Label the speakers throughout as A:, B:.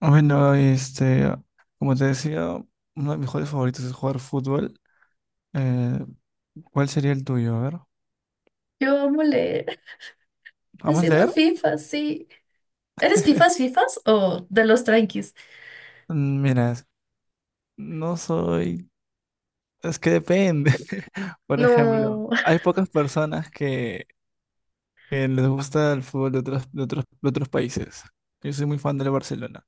A: Bueno, como te decía, uno de mis hobbies favoritos es jugar fútbol. Eh, ¿Cuál sería el tuyo? A ver,
B: Yo amo leer. Ha
A: ¿vamos a
B: sido
A: leer?
B: FIFA, sí. ¿Eres FIFAs o de los tranquis?
A: Mira, no soy... Es que depende. Por ejemplo,
B: No,
A: hay pocas personas que les gusta el fútbol de otros países. Yo soy muy fan del Barcelona.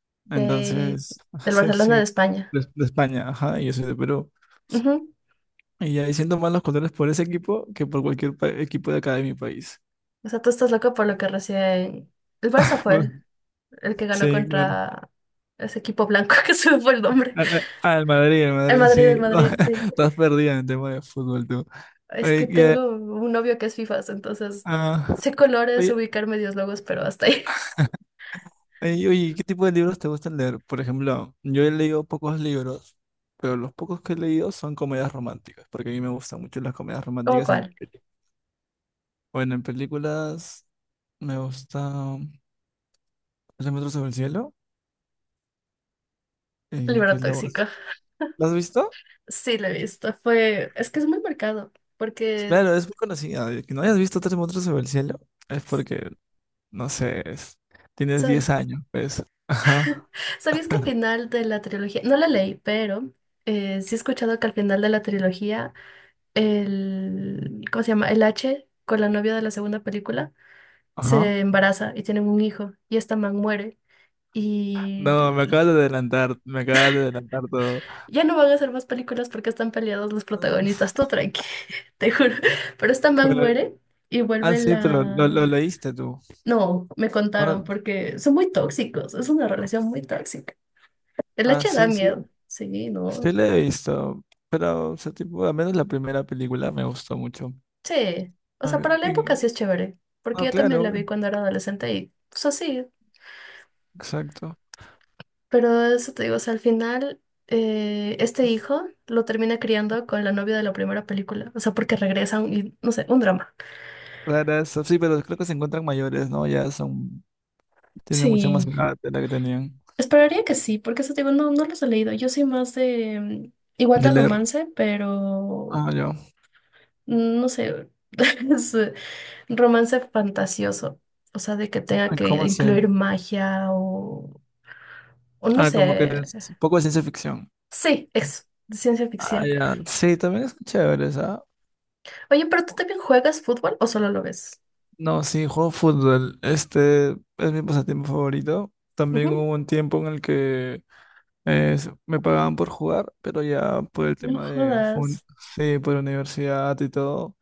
B: de,
A: Entonces,
B: del
A: sí, sí,
B: Barcelona de España.
A: de España, ajá, y yo soy de Perú.
B: Ujú.
A: Y ahí siento más los colores por ese equipo que por cualquier equipo de acá de mi país.
B: O sea, tú estás loco por lo que recién... El Barça fue el que ganó
A: Sí, claro.
B: contra ese equipo blanco que se me fue el nombre.
A: Ah, al Madrid, el Madrid, sí.
B: El Madrid, sí.
A: Estás perdida en el tema de fútbol, tú.
B: Es que
A: Oye,
B: tengo un novio que es FIFAs, entonces
A: ah,
B: sé colores,
A: oye,
B: ubicar medios logos, pero hasta ahí.
A: oye, ¿qué tipo de libros te gustan leer? Por ejemplo, yo he leído pocos libros, pero los pocos que he leído son comedias románticas, porque a mí me gustan mucho las comedias
B: ¿Cómo
A: románticas
B: cuál?
A: bueno, en películas me gusta Tres metros sobre el cielo, que
B: Libro
A: es la
B: tóxico.
A: voz. ¿La has visto?
B: Sí, lo he visto. Fue... Es que es muy marcado, porque...
A: Claro, es muy conocida. Que no hayas visto Tres metros sobre el cielo es porque no sé, tienes
B: Sa-
A: 10 años, pues. Ajá,
B: ¿Sabías que al final de la trilogía, no la leí, pero sí he escuchado que al final de la trilogía, ¿cómo se llama? El H con la novia de la segunda película
A: ajá.
B: se embaraza y tienen un hijo y esta man muere y
A: No, me acabas de adelantar, me acabas de adelantar todo.
B: ya no van a hacer más películas porque están peleados los protagonistas,
A: Ah,
B: tú tranqui, te juro, pero esta man
A: Bueno,
B: muere y vuelve
A: sí, pero lo,
B: la...
A: lo leíste tú.
B: No, me contaron
A: Bueno,
B: porque son muy tóxicos, es una relación muy tóxica. El H da
A: sí, sí,
B: miedo, sí, no.
A: sí lo he visto, pero, o sea, tipo, al menos la primera película me gustó mucho.
B: Sí, o sea,
A: Ah,
B: para la época sí es chévere, porque
A: no,
B: yo también la
A: claro,
B: vi cuando era adolescente y, o sea, sí,
A: exacto.
B: pero eso te digo, o sea, al final este hijo lo termina criando con la novia de la primera película, o sea, porque regresan y, no sé, un drama.
A: Claro, eso, sí, pero creo que se encuentran mayores, ¿no? Ya son, tienen mucha más
B: Sí,
A: edad de la que tenían
B: esperaría que sí, porque eso te digo, no, no los he leído, yo soy más de, igual
A: de
B: de
A: leer.
B: romance, pero,
A: Ah, yo.
B: no sé, es romance fantasioso, o sea, de que tenga
A: Ah,
B: que
A: ¿cómo así?
B: incluir magia o, no
A: Ah, como que
B: sé.
A: es un poco de ciencia ficción.
B: Sí, eso, de ciencia
A: Ah,
B: ficción.
A: ya. Sí, también es chévere, ¿sabes?
B: Oye, pero tú también juegas fútbol o solo lo ves?
A: No, sí, juego fútbol. Este es mi pasatiempo favorito. También
B: Ujú.
A: hubo un tiempo en el que me pagaban por jugar, pero ya por el
B: No
A: tema de,
B: jodas.
A: sí, por universidad y todo,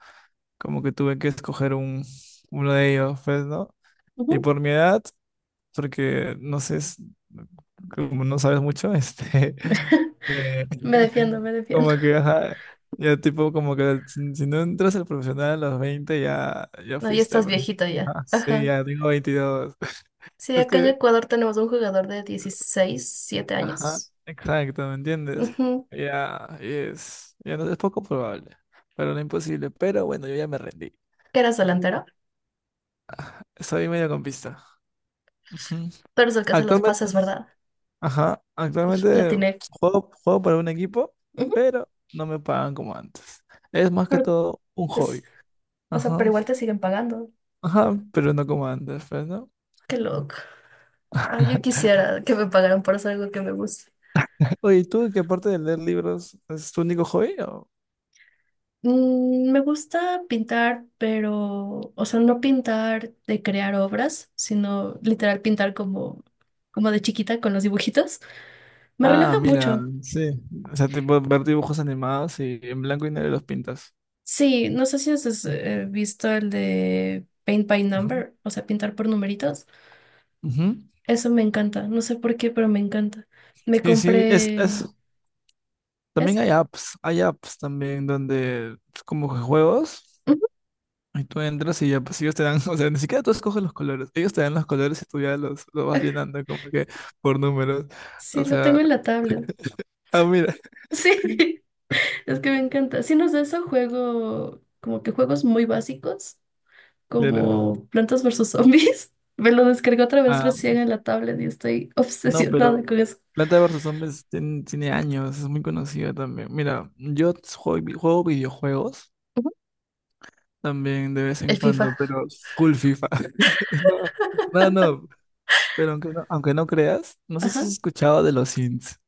A: como que tuve que escoger uno de ellos, pues, ¿no? Y
B: Ujú.
A: por mi edad, porque no sé, como no sabes mucho, eh,
B: Me defiendo, me defiendo.
A: como que, ajá, ya tipo, como que si no entras al profesional a los 20 ya, ya
B: No, ya
A: fuiste,
B: estás
A: pues.
B: viejito ya.
A: Ah, sí,
B: Ajá.
A: ya tengo 22.
B: Sí,
A: Es
B: acá en
A: que,
B: Ecuador tenemos un jugador de 16, 7
A: ajá,
B: años.
A: exacto, ¿me entiendes?
B: Ujú.
A: Ya, ya no es poco probable, pero no imposible. Pero bueno, yo ya me rendí.
B: Que eras delantero.
A: Soy medio campista. Ujú.
B: Pero eres el que hace los
A: Actualmente,
B: pases, ¿verdad?
A: ajá,
B: Uf, la
A: actualmente
B: tiene.
A: juego para un equipo,
B: Ujú.
A: pero no me pagan como antes. Es más que
B: Pero
A: todo un
B: es-
A: hobby.
B: o sea, pero
A: Ajá,
B: igual te siguen pagando.
A: ajá, pero no como antes, pues, ¿no?
B: Qué loco. Ay, yo quisiera que me pagaran por hacer algo que me gusta.
A: Oye, ¿y tú, que aparte de leer libros es tu único hobby?
B: Me gusta pintar, pero, o sea, no pintar de crear obras, sino literal pintar como de chiquita con los dibujitos. Me
A: Ah,
B: relaja
A: mira,
B: mucho.
A: sí. O sea, tipo ver dibujos animados y en blanco y negro los pintas.
B: Sí, no sé si has visto el de Paint by
A: Ujú,
B: Number, o sea, pintar por numeritos.
A: ujú.
B: Eso me encanta. No sé por qué, pero me encanta. Me
A: Sí, sí,
B: compré...
A: también
B: ¿Es?
A: hay apps también donde como que juegos.
B: Ujú.
A: Y tú entras y ya, pues ellos te dan, o sea, ni siquiera tú escoges los colores, ellos te dan los colores y tú ya los vas
B: Ah,
A: llenando como que por números.
B: sí,
A: O
B: lo tengo
A: sea,
B: en la tablet.
A: mira,
B: Sí, es que me encanta. Si no es de eso, juego como que juegos muy básicos,
A: claro.
B: como Plantas versus Zombies. Me lo descargué otra vez
A: Ah,
B: recién en la tablet y estoy
A: no,
B: obsesionada
A: pero
B: con eso.
A: Planta vs. Zombies tiene años, es muy conocida también. Mira, yo juego videojuegos
B: Ujú.
A: también de vez
B: El
A: en cuando,
B: FIFA.
A: pero full FIFA. No, no, no, pero aunque no creas, no sé si
B: Ajá.
A: has escuchado de los Sims.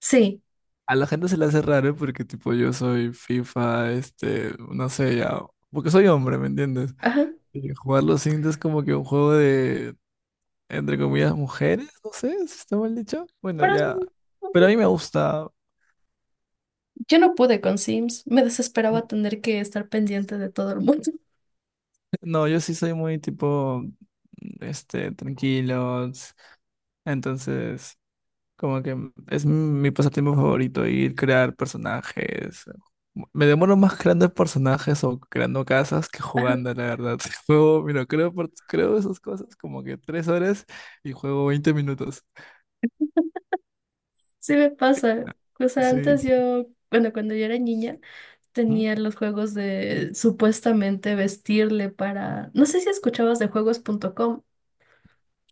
B: Sí,
A: A la gente se le hace raro porque tipo yo soy FIFA, no sé, ya, porque soy hombre, ¿me entiendes?
B: ajá.
A: Y jugar los Sims es como que un juego de, entre comillas, mujeres, no sé, si está mal dicho. Bueno,
B: Pero
A: ya,
B: ujú,
A: pero a mí me gusta.
B: yo no pude con Sims. Me
A: No,
B: desesperaba tener que estar pendiente de todo el mundo.
A: no, yo sí soy muy tipo, tranquilo, entonces como que es mi pasatiempo favorito, ir crear personajes. Me demoro más creando personajes o creando casas que
B: Ajá.
A: jugando, la verdad. Juego, mira, creo esas cosas como que 3 horas y juego 20 minutos.
B: Sí, me pasa. O sea,
A: Sí.
B: antes yo, bueno, cuando yo era niña,
A: Ujú.
B: tenía los juegos de supuestamente vestirle para... No sé si escuchabas de juegos.com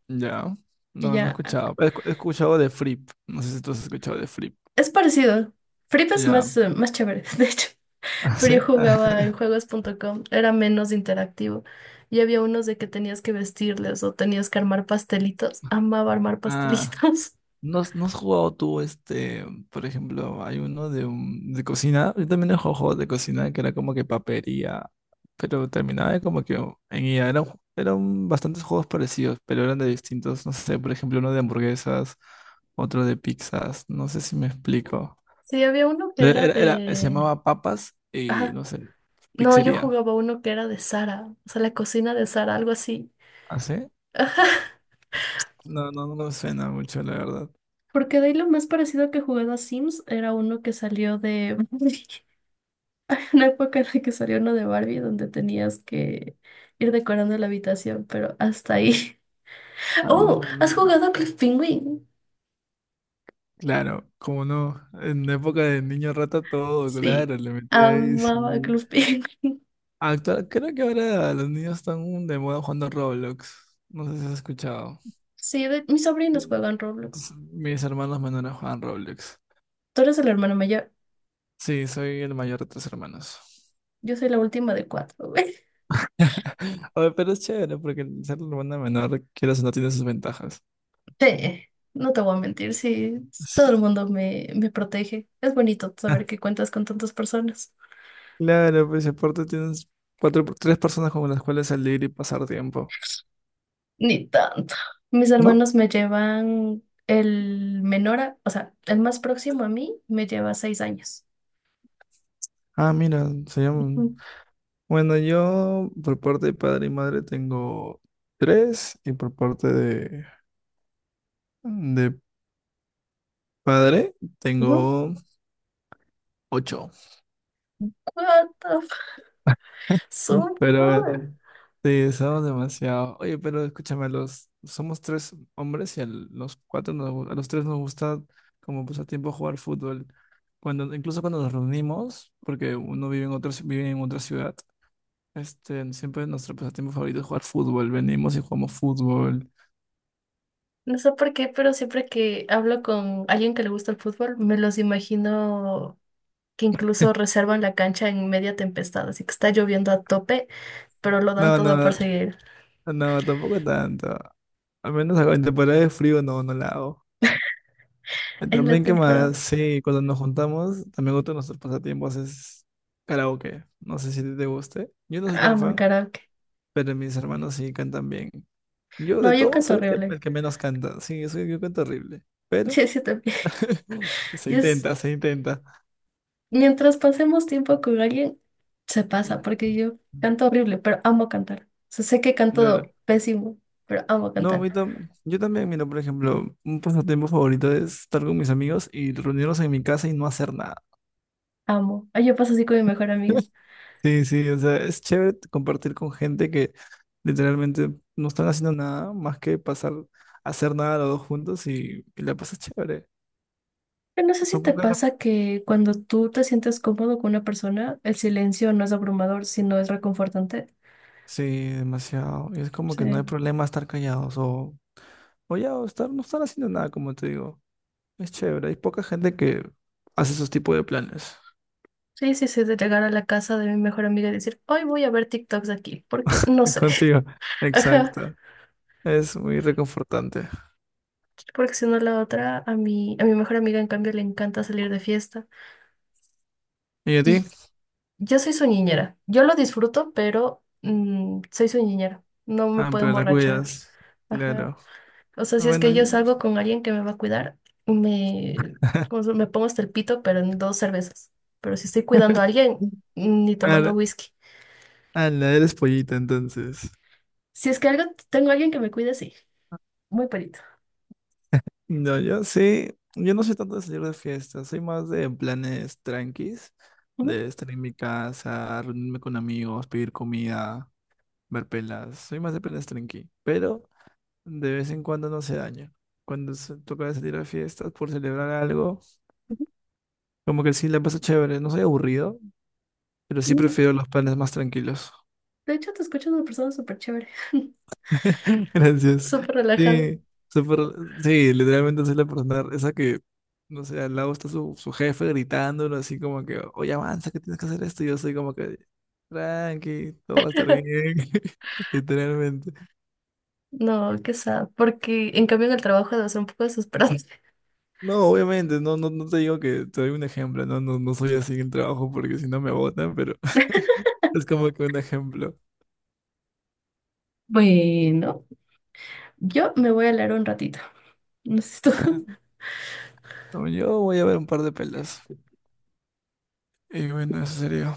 A: Ya.
B: y
A: No, no he
B: ya.
A: escuchado. He escuchado de Flip. No sé si tú has escuchado de Flip.
B: Es parecido. Flip es
A: Ya.
B: más chévere, de hecho.
A: ¿Ah,
B: Pero
A: sí?
B: yo jugaba en juegos.com, era menos interactivo. Y había unos de que tenías que vestirles o tenías que armar pastelitos. Amaba armar
A: Ah.
B: pastelitos.
A: ¿No has jugado tú, por ejemplo, hay uno de cocina? Yo también he jugado juegos de cocina que era como que papería, pero terminaba de como que en IA, eran bastantes juegos parecidos, pero eran de distintos, no sé, por ejemplo, uno de hamburguesas, otro de pizzas, no sé si me explico.
B: Sí, había uno que
A: Pero
B: era
A: Se
B: de...
A: llamaba Papas y,
B: Ajá.
A: no sé,
B: No, yo
A: pizzería.
B: jugaba uno que era de Sara, o sea, la cocina de Sara, algo así.
A: ¿Ah, sí?
B: Ajá.
A: No, no, no me suena mucho, la verdad.
B: Porque de ahí lo más parecido que jugaba a Sims era uno que salió de Barbie. Una época en la que salió uno de Barbie donde tenías que ir decorando la habitación, pero hasta ahí.
A: Ah,
B: Oh,
A: mira, no,
B: ¿has
A: no.
B: jugado a Club Penguin?
A: Claro, como no, en la época de niño rata todo,
B: Sí,
A: claro, le metía ahí,
B: amaba
A: sí.
B: Club Penguin.
A: Creo que ahora los niños están de moda jugando Roblox. No sé si has escuchado.
B: Sí, mis sobrinos
A: Mm.
B: juegan Roblox.
A: Mis hermanos menores juegan Roblox.
B: Tú eres el hermano mayor.
A: Sí, soy el mayor de tres hermanos.
B: Yo soy la última de cuatro, güey.
A: Oye, pero es chévere porque el ser hermana menor, quieras o no, tiene sus ventajas.
B: Sí, no te voy a mentir, sí. Todo
A: Sí.
B: el mundo me protege. Es bonito saber que cuentas con tantas personas.
A: Claro, pues aparte tienes cuatro, tres personas con las cuales salir y pasar tiempo.
B: Ni tanto. Mis
A: ¿No?
B: hermanos me llevan el menor, o sea, el más próximo a mí me lleva 6 años.
A: Ah, mira, se llama.
B: Ujú.
A: Bueno, yo por parte de padre y madre tengo tres y por parte de padre
B: Ujú.
A: tengo ocho.
B: What the f- so
A: Pero
B: cool.
A: sí, somos demasiado. Oye, pero escúchame, somos tres hombres y a los tres nos gusta como pasatiempo jugar fútbol. Incluso cuando nos reunimos, porque uno vive en otra ciudad, siempre nuestro pasatiempo favorito es jugar fútbol. Venimos y jugamos fútbol.
B: No sé por qué, pero siempre que hablo con alguien que le gusta el fútbol, me los imagino que incluso reservan la cancha en media tempestad, así que está lloviendo a tope, pero lo dan
A: No,
B: todo por
A: no.
B: seguir
A: No, tampoco tanto. Al menos en temporada de frío no, no la hago.
B: en la
A: También, ¿qué más?
B: temporada.
A: Sí, cuando nos juntamos, también otro de nuestros pasatiempos es karaoke. No sé si te guste. Yo no soy tan
B: Amo el
A: fan,
B: karaoke.
A: pero mis hermanos sí cantan bien. Yo
B: No,
A: de
B: yo
A: todos
B: canto
A: soy el que, el
B: horrible.
A: que menos canta. Sí, yo canto horrible. Pero
B: Sí, sí, también.
A: se
B: Y
A: intenta, se intenta.
B: mientras pasemos tiempo con alguien, se pasa,
A: Mm,
B: porque yo canto horrible, pero amo cantar. O sea, sé que
A: Claro.
B: canto pésimo, pero amo
A: No,
B: cantar.
A: yo también, mira, por ejemplo, un pasatiempo favorito es estar con mis amigos y reunirnos en mi casa y no hacer nada.
B: Amo. Ay, yo paso así con mi mejor amiga.
A: Sí, sí, o sea, es chévere compartir con gente que literalmente no están haciendo nada más que pasar, hacer nada los dos juntos y la pasas chévere.
B: Pero no sé si
A: Son
B: te
A: pocas las...
B: pasa que cuando tú te sientes cómodo con una persona, el silencio no es abrumador, sino es reconfortante.
A: Sí, demasiado. Y es como que no hay
B: Sí,
A: problema estar callados o, ya, o estar, no estar haciendo nada, como te digo. Es chévere. Hay poca gente que hace esos tipos de planes.
B: sí, sí, sí, de llegar a la casa de mi mejor amiga y decir, hoy voy a ver TikToks de aquí, ¿por qué? No sé.
A: Contigo.
B: Ajá,
A: Exacto. Es muy reconfortante.
B: porque si no la otra, a mi mejor amiga en cambio le encanta salir de fiesta.
A: ¿Y a ti?
B: Y yo soy su niñera, yo lo disfruto, pero soy su niñera, no me
A: Ah,
B: puedo
A: pero la
B: emborrachar.
A: cuidas.
B: Ajá.
A: Claro.
B: O sea, si es
A: Bueno,
B: que yo salgo con alguien que me va a cuidar, me, me pongo hasta el pito, pero en dos cervezas. Pero si estoy cuidando a alguien, ni tomando
A: ahora,
B: whisky.
A: ah, la eres pollita, entonces.
B: Si es que algo, tengo alguien que me cuide, sí. Muy perito.
A: No, yo sí, yo no soy tanto de salir de fiesta, soy más de planes tranquis,
B: Ujú,
A: de estar en mi casa, reunirme con amigos, pedir comida, ver pelas, soy más de planes tranqui, pero de vez en cuando no se daña. Cuando se toca de salir a fiestas por celebrar algo,
B: ujú,
A: como que sí la paso chévere, no soy aburrido, pero sí
B: ujú.
A: prefiero los planes más tranquilos.
B: De hecho, te escuchas una persona súper chévere,
A: Gracias.
B: súper relajada.
A: Sí, súper- sí, literalmente soy la persona esa que, no sé, al lado está su jefe gritándolo así como que, oye, avanza, que tienes que hacer esto. Y yo soy como que, tranqui, todo va a estar bien, literalmente.
B: No, qué sad, porque en cambio en el trabajo debe ser un poco desesperante.
A: No, obviamente, no, no, no te digo que te doy un ejemplo, no, no, no soy así en el trabajo porque si no me botan, pero es como que un ejemplo.
B: Bueno, yo me voy a leer un ratito. No sé si tú.
A: Como yo voy a ver un par de pelas. Y bueno, eso sería.